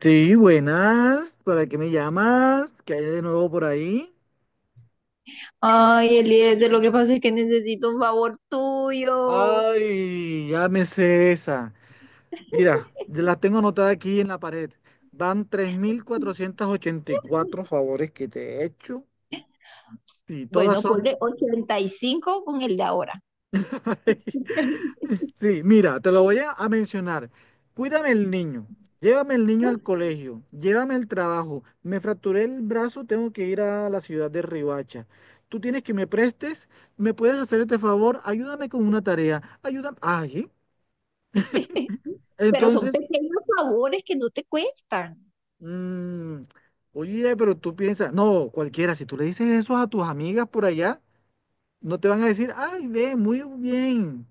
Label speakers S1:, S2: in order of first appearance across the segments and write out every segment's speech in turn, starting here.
S1: Sí, buenas. ¿Para qué me llamas? ¿Qué hay de nuevo por ahí?
S2: Ay, Eliezer, lo que pasa es que necesito un favor tuyo.
S1: Ay, ya me sé esa. Mira, la tengo anotada aquí en la pared. Van 3.484 favores que te he hecho y todas
S2: Bueno,
S1: son
S2: ponle 85 con el de ahora.
S1: Sí, mira, te lo voy a mencionar. Cuídame el niño, llévame el niño al colegio, llévame al trabajo. Me fracturé el brazo, tengo que ir a la ciudad de Ribacha. Tú tienes que me prestes, me puedes hacer este favor, ayúdame con una tarea, ayúdame. Ay,
S2: Pero son
S1: entonces,
S2: pequeños favores que no te cuestan.
S1: mm, oye, pero tú piensas, no, cualquiera, si tú le dices eso a tus amigas por allá, no te van a decir, ay, ve, muy bien.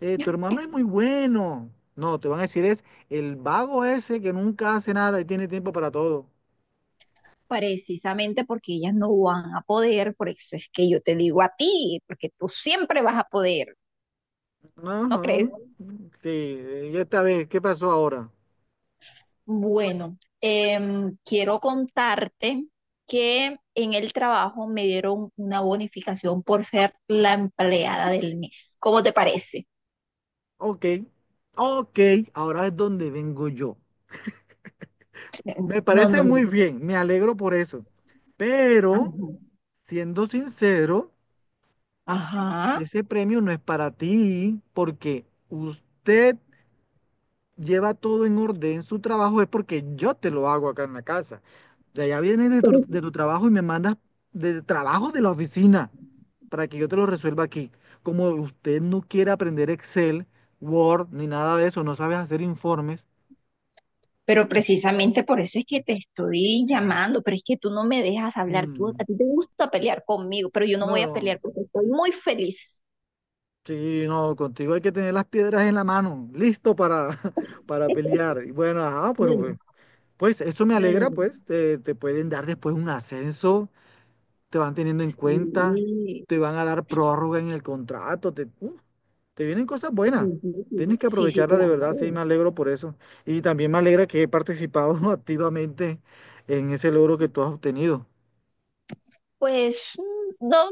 S1: Tu hermano es muy bueno. No, te van a decir es el vago ese que nunca hace nada y tiene tiempo para todo.
S2: Precisamente porque ellas no van a poder, por eso es que yo te digo a ti, porque tú siempre vas a poder, ¿no crees?
S1: Ajá. Sí, y esta vez, ¿qué pasó ahora?
S2: Bueno, quiero contarte que en el trabajo me dieron una bonificación por ser la empleada del mes. ¿Cómo te parece?
S1: Ok, ok, ahora es donde vengo yo. Me
S2: No, no,
S1: parece
S2: no.
S1: muy bien, me alegro por eso. Pero,
S2: Ajá.
S1: siendo sincero,
S2: Ajá.
S1: ese premio no es para ti porque usted lleva todo en orden, su trabajo es porque yo te lo hago acá en la casa. O sea, ya vienes de tu,
S2: Pero
S1: de tu trabajo y me mandas del trabajo de la oficina para que yo te lo resuelva aquí. Como usted no quiere aprender Excel, Word, ni nada de eso, no sabes hacer informes.
S2: pero precisamente por eso es que te estoy llamando, pero es que tú no me dejas hablar, tú,
S1: Mm,
S2: a ti te gusta pelear conmigo, pero yo no voy a
S1: no,
S2: pelear porque estoy muy feliz.
S1: sí, no, contigo hay que tener las piedras en la mano, listo para, para pelear. Y bueno, ajá, pero
S2: No,
S1: pues eso me
S2: no, no,
S1: alegra,
S2: no.
S1: pues te pueden dar después un ascenso, te van teniendo en cuenta,
S2: Sí,
S1: te van a dar prórroga en el contrato, te vienen cosas buenas.
S2: sí, sí,
S1: Tienes que
S2: sí, sí,
S1: aprovecharla de
S2: claro.
S1: verdad, sí, me alegro por eso. Y también me alegra que he participado activamente en ese logro que tú has obtenido.
S2: Pues mm, no, no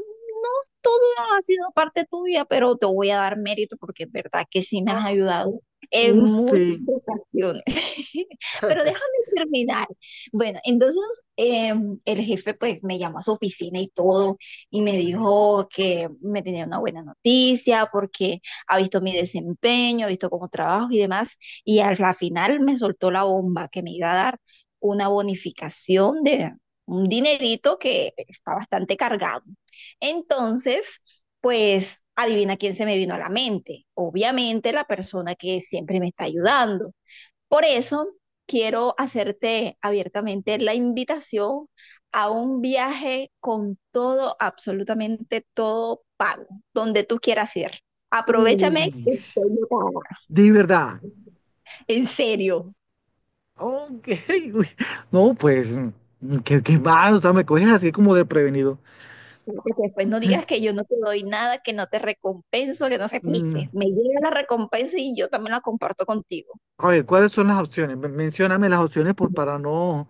S2: todo ha sido parte tuya, pero te voy a dar mérito porque es verdad que sí me has
S1: Ah,
S2: ayudado en
S1: oh,
S2: muchas
S1: sí.
S2: ocasiones. Pero déjame terminar. Bueno, entonces eh, el jefe pues me llamó a su oficina y todo, y me dijo que me tenía una buena noticia porque ha visto mi desempeño, ha visto cómo trabajo y demás. Y al la final me soltó la bomba que me iba a dar una bonificación de un dinerito que está bastante cargado. Entonces, pues adivina quién se me vino a la mente. Obviamente la persona que siempre me está ayudando. Por eso quiero hacerte abiertamente la invitación a un viaje con todo, absolutamente todo pago, donde tú quieras ir. Aprovechame
S1: Uy,
S2: que estoy ocupada.
S1: de verdad.
S2: En serio.
S1: Ok, uy. No, pues, qué mal, o sea, me coges así como desprevenido.
S2: Porque después no digas que yo no te doy nada, que no te recompenso, que no sé, viste,
S1: Mm,
S2: me llega la recompensa y yo también la comparto contigo.
S1: a ver, ¿cuáles son las opciones? Mencióname las opciones por, para no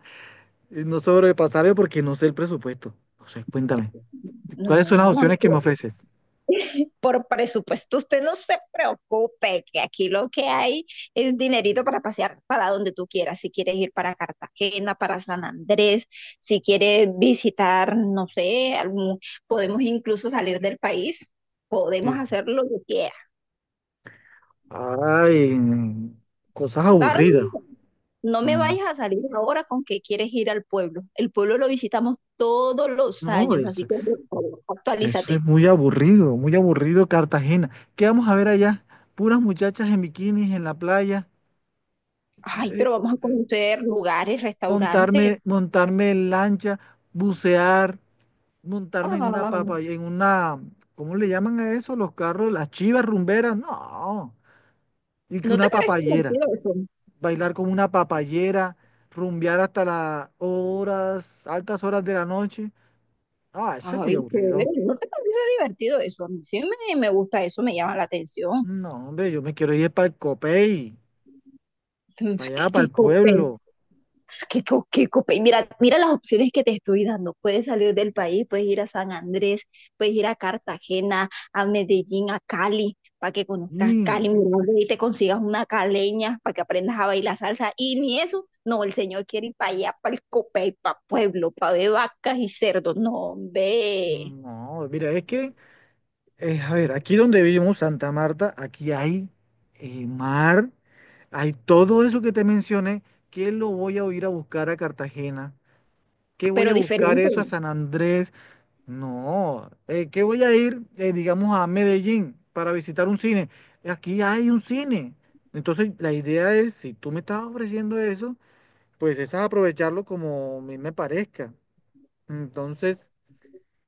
S1: No sobrepasaré porque no sé el presupuesto. No sé, cuéntame.
S2: No,
S1: ¿Cuáles
S2: no,
S1: son las
S2: no,
S1: opciones que me ofreces?
S2: por presupuesto usted no se preocupe, que aquí lo que hay es dinerito para pasear para donde tú quieras. Si quieres ir para Cartagena, para San Andrés, si quieres visitar, no sé, algún, podemos incluso salir del país, podemos
S1: Sí.
S2: hacer lo que quieras.
S1: Ay, cosas
S2: Carlos,
S1: aburridas.
S2: no me
S1: Mm,
S2: vayas a salir ahora con que quieres ir al pueblo. El pueblo lo visitamos todos los
S1: no,
S2: años, así
S1: eso,
S2: que por favor,
S1: eso
S2: actualízate.
S1: es muy aburrido Cartagena. ¿Qué vamos a ver allá? Puras muchachas en bikinis en la playa,
S2: Ay,
S1: eh,
S2: pero vamos a conocer lugares, restaurantes.
S1: montarme en lancha, bucear, montarme en
S2: Ah,
S1: una papa, en una, ¿cómo le llaman a eso? Los carros, las chivas rumberas. No, y que
S2: ¿no te
S1: una
S2: parece
S1: papayera.
S2: divertido eso?
S1: Bailar como una papayera, rumbear hasta las horas, altas horas de la noche. Ah, eso es muy
S2: Ay, chévere,
S1: aburrido.
S2: ¿no te parece divertido eso? A mí sí me gusta eso, me llama la atención.
S1: No, hombre, yo me quiero ir para el Copey, para allá, para
S2: Qué, qué
S1: el pueblo.
S2: Qué, co- qué cope- Mira, mira las opciones que te estoy dando. Puedes salir del país, puedes ir a San Andrés, puedes ir a Cartagena, a Medellín, a Cali, para que conozcas
S1: Y,
S2: Cali, mira y te consigas una caleña para que aprendas a bailar salsa. Y ni eso, no, el señor quiere ir para allá, para el Copey, para Pueblo, para ver vacas y cerdos. No, ve,
S1: no, mira, es que, a ver, aquí donde vivimos, Santa Marta, aquí hay mar, hay todo eso que te mencioné. ¿Qué lo voy a ir a buscar a Cartagena? ¿Qué voy
S2: pero
S1: a buscar
S2: diferente.
S1: eso a San Andrés? No, que voy a ir, digamos, a Medellín para visitar un cine. Aquí hay un cine. Entonces, la idea es, si tú me estás ofreciendo eso, pues es aprovecharlo como a mí me parezca. Entonces,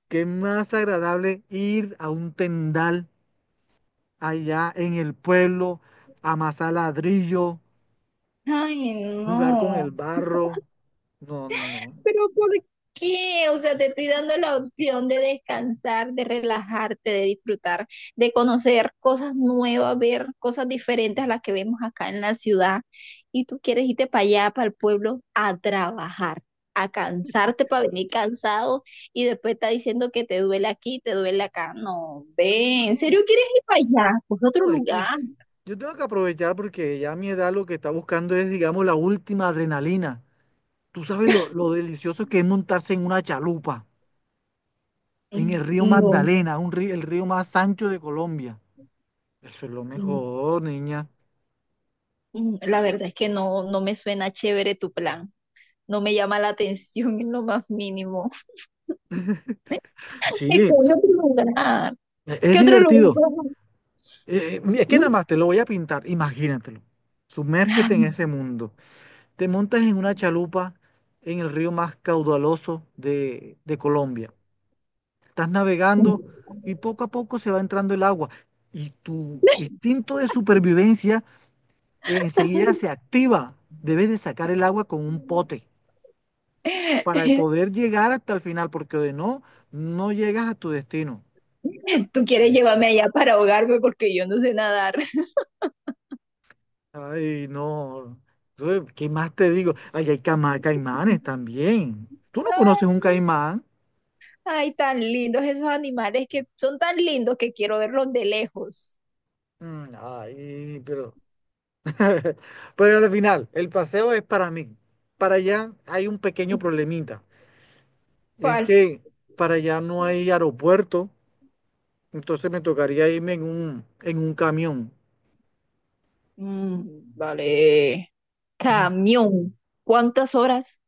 S1: qué más agradable ir a un tendal allá en el pueblo, amasar ladrillo,
S2: Ay,
S1: jugar con el
S2: no.
S1: barro. No, no, no.
S2: Pero ¿por qué? O sea, te estoy dando la opción de descansar, de relajarte, de disfrutar, de conocer cosas nuevas, ver cosas diferentes a las que vemos acá en la ciudad. Y tú quieres irte para allá, para el pueblo, a trabajar, a cansarte para venir cansado y después está diciendo que te duele aquí, te duele acá. No, ve, ¿en serio
S1: No,
S2: quieres ir para allá? Pues otro
S1: no, es que
S2: lugar.
S1: yo tengo que aprovechar porque ya a mi edad lo que está buscando es, digamos, la última adrenalina. Tú sabes lo delicioso que es montarse en una chalupa, en
S2: Mm,
S1: el río
S2: no.
S1: Magdalena, un río, el río más ancho de Colombia. Eso es lo
S2: mm,
S1: mejor, niña.
S2: La verdad es que no, no me suena chévere tu plan. No me llama la atención en lo más mínimo.
S1: Sí,
S2: Es como otro lugar.
S1: es
S2: ¿Qué otro lugar?
S1: divertido. Mira, es que nada más te lo voy a pintar, imagínatelo. Sumérgete en ese mundo. Te montas en una chalupa en el río más caudaloso de Colombia. Estás navegando y poco a poco se va entrando el agua. Y tu instinto de supervivencia enseguida se activa. Debes de sacar el agua con un pote para poder llegar hasta el final, porque de no, no llegas a tu destino.
S2: Tú quieres llevarme allá para ahogarme porque yo no sé nadar.
S1: Ay, no. Uy, ¿qué más te digo? Ay, hay caimanes también. ¿Tú no conoces un caimán?
S2: Ay, tan lindos esos animales, que son tan lindos que quiero verlos de lejos.
S1: Mm, ay, pero pero al final, el paseo es para mí. Para allá hay un pequeño problemita. Es
S2: ¿Cuál?
S1: que para allá no hay aeropuerto, entonces me tocaría irme en un camión.
S2: Mm, vale. Camión. ¿Cuántas horas?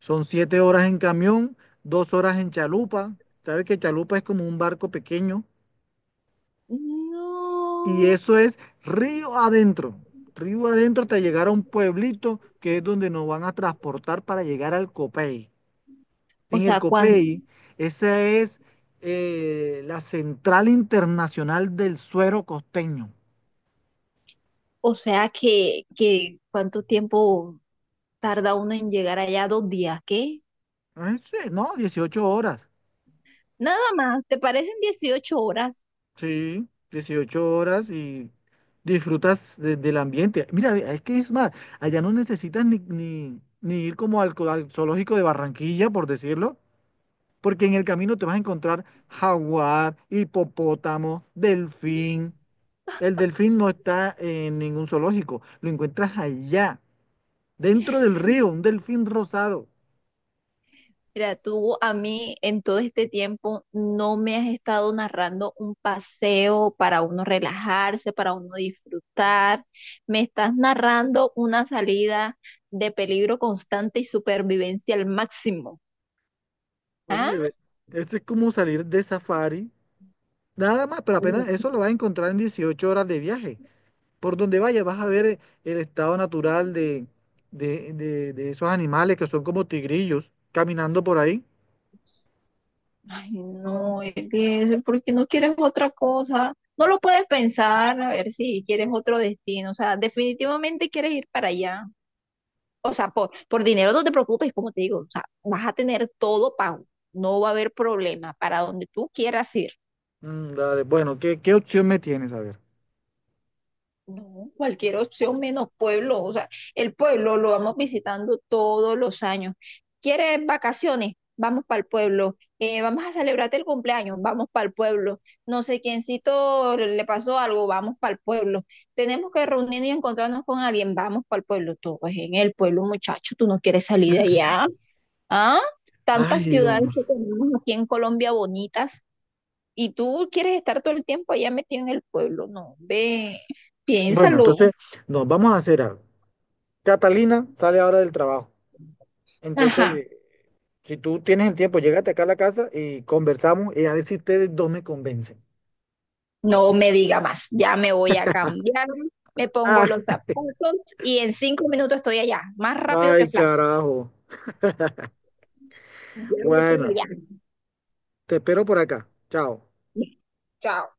S1: Son 7 horas en camión, 2 horas en chalupa. ¿Sabes que chalupa es como un barco pequeño? Y
S2: No.
S1: eso es río adentro. Río adentro hasta llegar a un pueblito que es donde nos van a transportar para llegar al Copey.
S2: O
S1: En el
S2: sea, ¿cuán-
S1: Copey, esa es la central internacional del suero costeño.
S2: o sea que ¿cuánto tiempo tarda uno en llegar allá? Dos días, ¿qué?
S1: Ah, sí, no, 18 horas.
S2: Nada más, ¿te parecen 18 horas?
S1: Sí, 18 horas y disfrutas del ambiente. Mira, ve, es que es más, allá no necesitas ni ir como al zoológico de Barranquilla, por decirlo, porque en el camino te vas a encontrar jaguar, hipopótamo, delfín. El delfín no está en ningún zoológico, lo encuentras allá, dentro del río, un delfín rosado.
S2: Mira, tú a mí en todo este tiempo no me has estado narrando un paseo para uno relajarse, para uno disfrutar. Me estás narrando una salida de peligro constante y supervivencia al máximo. ¿Ah?
S1: Oye, ve, eso es como salir de safari, nada más, pero apenas eso lo vas a encontrar en 18 horas de viaje. Por donde vaya vas a ver el estado natural de esos animales que son como tigrillos caminando por ahí.
S2: Ay, no, Eliezer, ¿por qué no quieres otra cosa? No lo puedes pensar, a ver si quieres otro destino. O sea, definitivamente quieres ir para allá. O sea, por dinero no te preocupes, como te digo, o sea, vas a tener todo pago, no va a haber problema para donde tú quieras ir.
S1: Mm, dale, bueno, ¿qué opción me tienes? A ver.
S2: No, cualquier opción menos pueblo, o sea, el pueblo lo vamos visitando todos los años. ¿Quieres vacaciones? Vamos para el pueblo. Vamos a celebrarte el cumpleaños, vamos para el pueblo. No sé quiéncito le pasó algo, vamos para el pueblo. Tenemos que reunirnos y encontrarnos con alguien, vamos para el pueblo. Todo es en el pueblo, muchacho, tú no quieres salir de allá. Ah, tantas
S1: Ay,
S2: ciudades
S1: hombre.
S2: que tenemos aquí en Colombia bonitas y tú quieres estar todo el tiempo allá metido en el pueblo. No, ve,
S1: Bueno,
S2: piénsalo.
S1: entonces nos vamos a hacer algo. Catalina sale ahora del trabajo.
S2: Ajá,
S1: Entonces, si tú tienes el tiempo, llégate acá a la casa y conversamos y a ver si ustedes dos me convencen.
S2: no me diga más. Ya me voy a cambiar, me pongo
S1: Ah,
S2: los zapatos y en 5 minutos estoy allá, más rápido que
S1: ay,
S2: flash.
S1: carajo.
S2: Ya voy para
S1: Bueno,
S2: allá.
S1: te espero por acá. Chao.
S2: Chao.